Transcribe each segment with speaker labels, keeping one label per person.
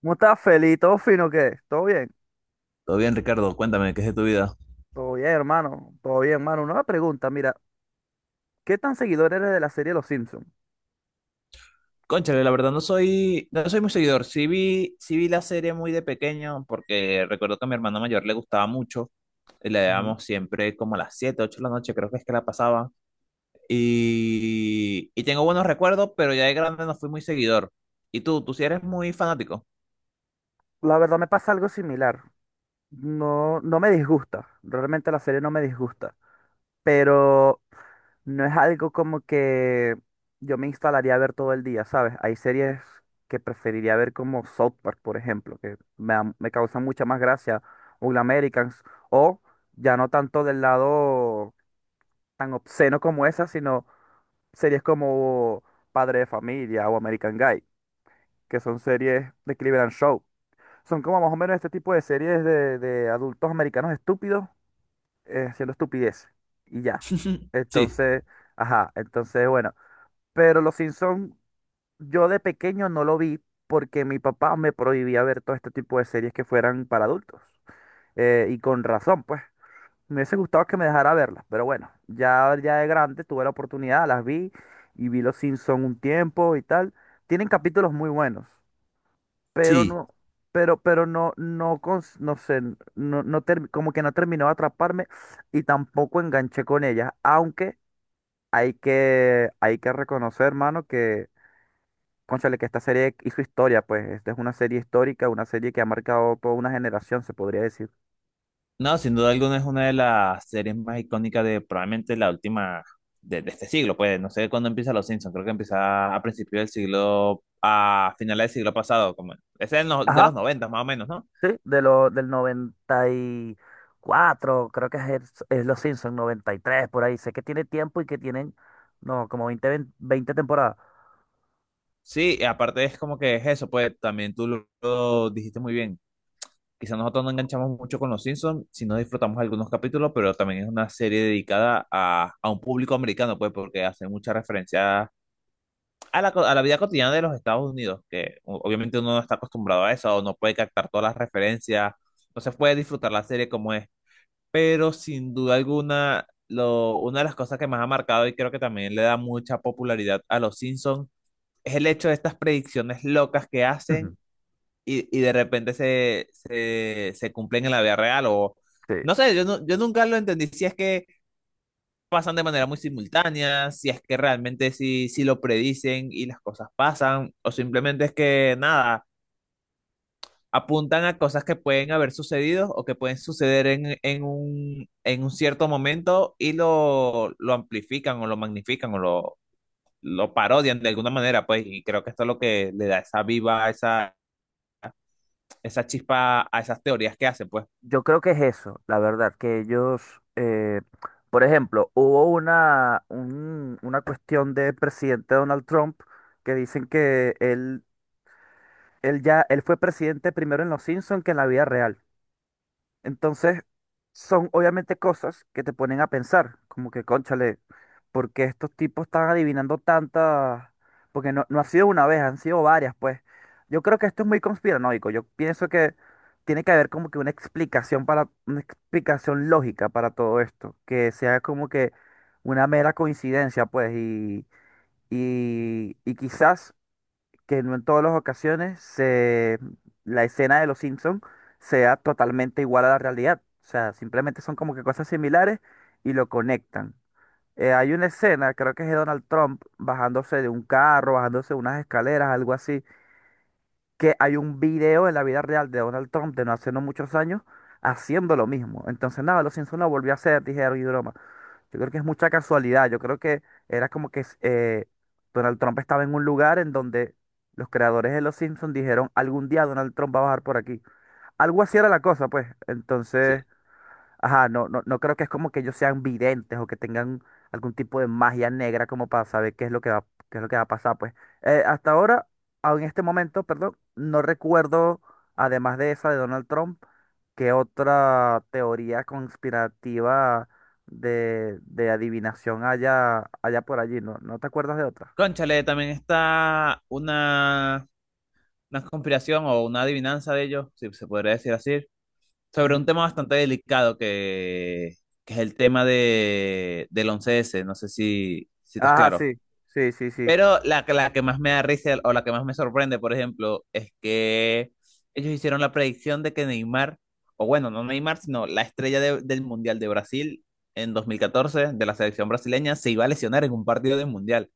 Speaker 1: ¿Cómo estás, Feli? ¿Todo fino qué? ¿Todo bien?
Speaker 2: Todo bien, Ricardo, cuéntame, ¿qué es de tu vida?
Speaker 1: Todo bien, hermano. Todo bien, hermano. Una pregunta, mira, ¿qué tan seguidor eres de la serie Los Simpsons?
Speaker 2: Cónchale, la verdad no soy muy seguidor. Sí vi la serie muy de pequeño, porque recuerdo que a mi hermano mayor le gustaba mucho. Y la
Speaker 1: Ujú.
Speaker 2: dábamos siempre como a las 7, 8 de la noche, creo que es que la pasaba. Y tengo buenos recuerdos, pero ya de grande no fui muy seguidor. ¿Y tú? ¿Tú sí eres muy fanático?
Speaker 1: La verdad me pasa algo similar. No me disgusta. Realmente la serie no me disgusta. Pero no es algo como que yo me instalaría a ver todo el día, ¿sabes? Hay series que preferiría ver como South Park, por ejemplo, que me causan mucha más gracia. O The Americans. O ya no tanto del lado tan obsceno como esa, sino series como Padre de Familia o American Guy, que son series de Cleveland Show. Son como más o menos este tipo de series de adultos americanos estúpidos, haciendo estupidez. Y ya.
Speaker 2: Sí,
Speaker 1: Entonces, ajá, entonces bueno. Pero Los Simpsons, yo de pequeño no lo vi porque mi papá me prohibía ver todo este tipo de series que fueran para adultos. Y con razón, pues. Me hubiese gustado que me dejara verlas, pero bueno, ya de grande tuve la oportunidad, las vi y vi Los Simpson un tiempo y tal. Tienen capítulos muy buenos, pero
Speaker 2: sí.
Speaker 1: no, no sé, como que no terminó de atraparme y tampoco enganché con ellas, aunque hay que reconocer, hermano, que, cónchale, que esta serie hizo historia, pues, esta es una serie histórica, una serie que ha marcado toda una generación, se podría decir.
Speaker 2: No, sin duda alguna es una de las series más icónicas de probablemente la última de este siglo, pues no sé cuándo empieza Los Simpsons, creo que empieza a principios del siglo, a finales del siglo pasado, como ese es no- de
Speaker 1: Ajá.
Speaker 2: los 90 más o menos, ¿no?
Speaker 1: Sí, del noventa y cuatro, creo que es, es Los Simpsons, 93 por ahí. Sé que tiene tiempo y que tienen, no, como 20 20 20 temporadas.
Speaker 2: Sí, y aparte es como que es eso, pues también tú lo dijiste muy bien. Quizás nosotros no enganchamos mucho con Los Simpsons, si no disfrutamos algunos capítulos, pero también es una serie dedicada a un público americano, pues porque hace mucha referencia a a la vida cotidiana de los Estados Unidos, que obviamente uno no está acostumbrado a eso, o no puede captar todas las referencias, no se puede disfrutar la serie como es, pero sin duda alguna, una de las cosas que más ha marcado y creo que también le da mucha popularidad a los Simpsons es el hecho de estas predicciones locas que
Speaker 1: Ujú.
Speaker 2: hacen. Y de repente se cumplen en la vida real o
Speaker 1: Sí.
Speaker 2: no sé, yo nunca lo entendí si es que pasan de manera muy simultánea, si es que realmente sí lo predicen y las cosas pasan, o simplemente es que nada, apuntan a cosas que pueden haber sucedido o que pueden suceder en, en un cierto momento y lo amplifican o lo magnifican o lo parodian de alguna manera, pues, y creo que esto es lo que le da esa viva, esa chispa a esas teorías que hacen, pues.
Speaker 1: Yo creo que es eso, la verdad, que ellos, por ejemplo, una cuestión del presidente Donald Trump que dicen que él, él fue presidente primero en Los Simpsons que en la vida real. Entonces, son obviamente cosas que te ponen a pensar, como que, cónchale, ¿por qué estos tipos están adivinando tantas? Porque no ha sido una vez, han sido varias, pues. Yo creo que esto es muy conspiranoico. Yo pienso que tiene que haber como que una explicación lógica para todo esto, que sea como que una mera coincidencia, pues, y quizás que no en todas las ocasiones la escena de Los Simpson sea totalmente igual a la realidad. O sea, simplemente son como que cosas similares y lo conectan. Hay una escena, creo que es de Donald Trump bajándose de un carro, bajándose de unas escaleras, algo así, que hay un video en la vida real de Donald Trump de no hace no muchos años haciendo lo mismo. Entonces, nada, Los Simpson lo volvió a hacer, dijeron y broma. Yo creo que es mucha casualidad. Yo creo que era como que Donald Trump estaba en un lugar en donde los creadores de Los Simpsons dijeron, algún día Donald Trump va a bajar por aquí. Algo así era la cosa, pues.
Speaker 2: Sí.
Speaker 1: Entonces, ajá, no creo que es como que ellos sean videntes o que tengan algún tipo de magia negra como para saber qué es lo que va a pasar, pues. Eh, hasta ahora, en este momento, perdón, no recuerdo, además de esa de Donald Trump, qué otra teoría conspirativa de adivinación haya por allí, ¿no? ¿No te acuerdas de otra?
Speaker 2: Cónchale, también está una conspiración o una adivinanza de ellos, si se podría decir así, sobre un
Speaker 1: Ujú.
Speaker 2: tema bastante delicado que es el tema del 11S, no sé si, si estás
Speaker 1: Ajá,
Speaker 2: claro.
Speaker 1: sí, sí, sí, sí.
Speaker 2: Pero la que más me da risa o la que más me sorprende, por ejemplo, es que ellos hicieron la predicción de que Neymar, o bueno, no Neymar, sino la estrella del Mundial de Brasil en 2014, de la selección brasileña, se iba a lesionar en un partido del Mundial.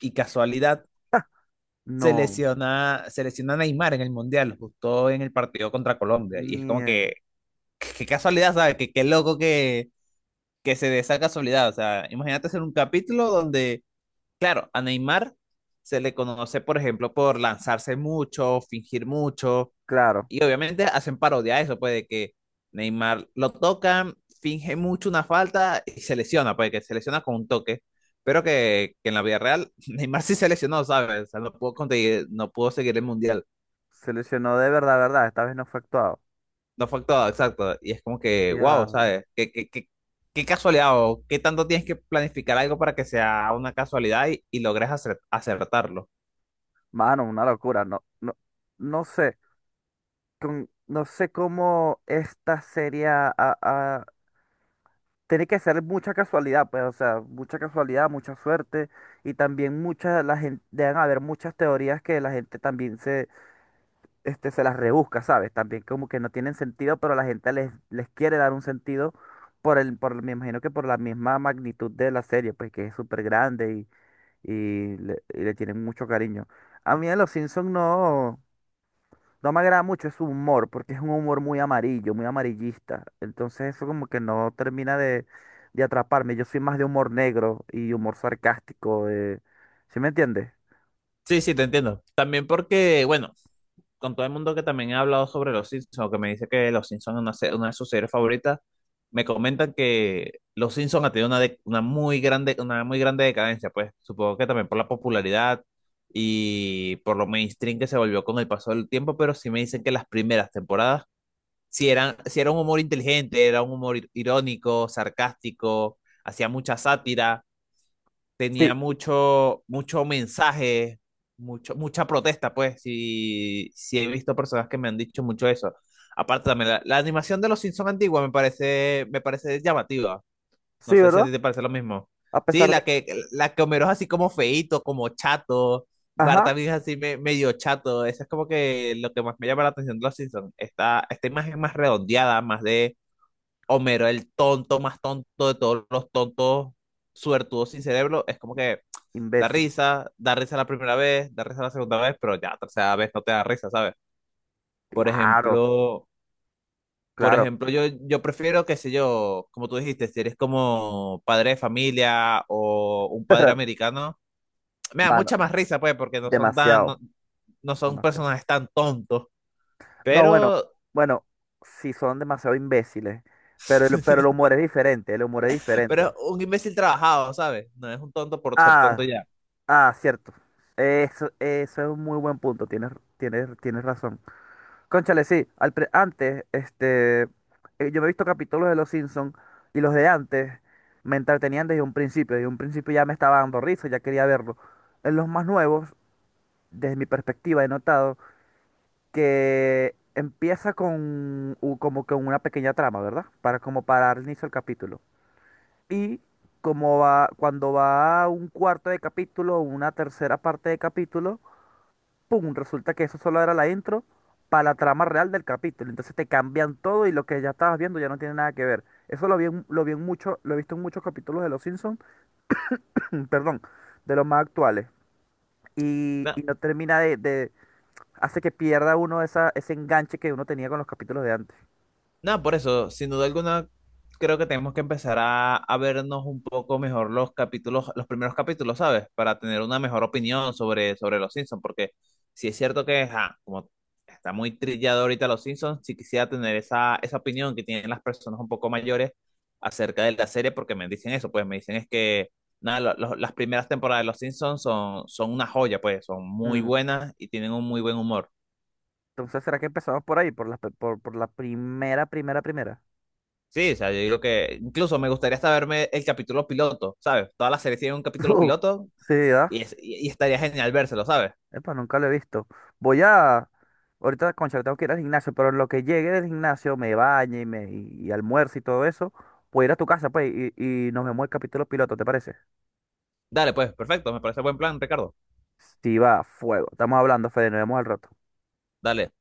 Speaker 2: Y casualidad, se
Speaker 1: No,
Speaker 2: lesiona, se lesiona Neymar en el Mundial, justo en el partido contra Colombia. Y es como
Speaker 1: mie-
Speaker 2: que qué casualidad, ¿sabes? Qué loco que se dé esa casualidad. O sea, imagínate hacer un capítulo donde, claro, a Neymar se le conoce, por ejemplo, por lanzarse mucho, fingir mucho,
Speaker 1: claro,
Speaker 2: y obviamente hacen parodia a eso, pues de que Neymar lo tocan, finge mucho una falta y se lesiona, pues que se lesiona con un toque, pero que en la vida real Neymar sí se lesionó, ¿sabes? O sea, no pudo conseguir, no pudo seguir el mundial.
Speaker 1: se lesionó de verdad, verdad, esta vez no fue actuado.
Speaker 2: No fue actuado, exacto. Y es como que, wow, ¿sabes? ¿ qué casualidad o qué tanto tienes que planificar algo para que sea una casualidad y logres acertarlo?
Speaker 1: Mano, una locura. No, no sé. No sé cómo esta serie tiene que ser mucha casualidad, pues, o sea, mucha casualidad, mucha suerte. Y también mucha, la gente, deben haber muchas teorías que la gente también se las rebusca, ¿sabes? También como que no tienen sentido, pero la gente les quiere dar un sentido me imagino que por la misma magnitud de la serie, pues que es súper grande y le tienen mucho cariño. A mí en Los Simpsons no. No me agrada mucho su humor, porque es un humor muy amarillo, muy amarillista. Entonces eso como que no termina de atraparme. Yo soy más de humor negro y humor sarcástico. De... ¿Sí me entiendes?
Speaker 2: Sí, sí, te entiendo. También porque, bueno, con todo el mundo que también ha hablado sobre Los Simpsons, o que me dice que Los Simpsons es una de sus series favoritas, me comentan que Los Simpsons ha tenido una muy grande decadencia, pues supongo que también por la popularidad y por lo mainstream que se volvió con el paso del tiempo, pero sí me dicen que las primeras temporadas si era un humor inteligente, era un humor irónico, sarcástico, hacía mucha sátira, tenía
Speaker 1: Sí,
Speaker 2: mucho mensaje, mucha protesta, pues, si he visto personas que me han dicho mucho eso. Aparte también, la animación de los Simpsons antigua me parece llamativa. No
Speaker 1: sí,
Speaker 2: sé si a
Speaker 1: ¿verdad?
Speaker 2: ti te parece lo mismo.
Speaker 1: A
Speaker 2: Sí,
Speaker 1: pesar de...
Speaker 2: la que Homero es así como feíto, como chato. Bart
Speaker 1: Ajá.
Speaker 2: también es así medio chato. Eso es como que lo que más me llama la atención de los Simpsons. Esta imagen más redondeada, más de Homero, el tonto más tonto de todos los tontos suertudos sin cerebro. Es como que
Speaker 1: Imbécil.
Speaker 2: da risa la primera vez, da risa la segunda vez, pero ya la tercera vez no te da risa, ¿sabes? Por
Speaker 1: Claro,
Speaker 2: ejemplo, por
Speaker 1: claro.
Speaker 2: ejemplo, yo prefiero, qué sé yo, como tú dijiste, si eres como padre de familia o un padre americano, me da
Speaker 1: Mano,
Speaker 2: mucha más risa, pues, porque no son tan, no,
Speaker 1: demasiado,
Speaker 2: no son
Speaker 1: demasiado.
Speaker 2: personajes tan tontos,
Speaker 1: No, bueno,
Speaker 2: pero,
Speaker 1: bueno, sí son demasiado imbéciles, pero el humor es diferente, el humor es
Speaker 2: pero es
Speaker 1: diferente.
Speaker 2: un imbécil trabajado, ¿sabes? No es un tonto por ser tonto
Speaker 1: Ah,
Speaker 2: ya.
Speaker 1: cierto. Eso, eso es un muy buen punto. Tienes razón. Cónchale, sí. Al pre- antes, este, yo me he visto capítulos de Los Simpsons y los de antes me entretenían desde un principio. Desde un principio ya me estaba dando risa, ya quería verlo. En los más nuevos, desde mi perspectiva, he notado que empieza con como que una pequeña trama, ¿verdad? Para como para dar inicio al capítulo. Y como va, cuando va a un cuarto de capítulo o una tercera parte de capítulo, ¡pum! Resulta que eso solo era la intro para la trama real del capítulo. Entonces te cambian todo y lo que ya estabas viendo ya no tiene nada que ver. Eso lo vi en mucho, lo he visto en muchos capítulos de Los Simpsons, perdón, de los más actuales.
Speaker 2: No,
Speaker 1: Y no termina hace que pierda uno esa, ese enganche que uno tenía con los capítulos de antes.
Speaker 2: no, por eso, sin duda alguna, creo que tenemos que empezar a vernos un poco mejor los capítulos, los primeros capítulos, ¿sabes? Para tener una mejor opinión sobre, sobre los Simpsons, porque si es cierto que, ajá, como está muy trillado ahorita los Simpsons, sí quisiera tener esa, esa opinión que tienen las personas un poco mayores acerca de la serie, porque me dicen eso, pues me dicen es que, nada, las primeras temporadas de los Simpsons son, son una joya, pues son muy
Speaker 1: Mm,
Speaker 2: buenas y tienen un muy buen humor.
Speaker 1: entonces, ¿será que empezamos por ahí? Por la primera, primera, primera.
Speaker 2: Sí, o sea, yo digo que incluso me gustaría hasta verme el capítulo piloto, ¿sabes? Todas las series tienen un capítulo
Speaker 1: Uf,
Speaker 2: piloto
Speaker 1: sí, ¿verdad?
Speaker 2: y estaría genial vérselo, ¿sabes?
Speaker 1: Epa, nunca lo he visto. Voy a... Ahorita, concha, tengo que ir al gimnasio, pero en lo que llegue del gimnasio, me bañe y almuerzo y todo eso, puedo ir a tu casa, pues, y nos vemos el capítulo piloto, ¿te parece?
Speaker 2: Dale, pues, perfecto, me parece buen plan, Ricardo.
Speaker 1: Si va, fuego. Estamos hablando, Fede, nos vemos al rato.
Speaker 2: Dale.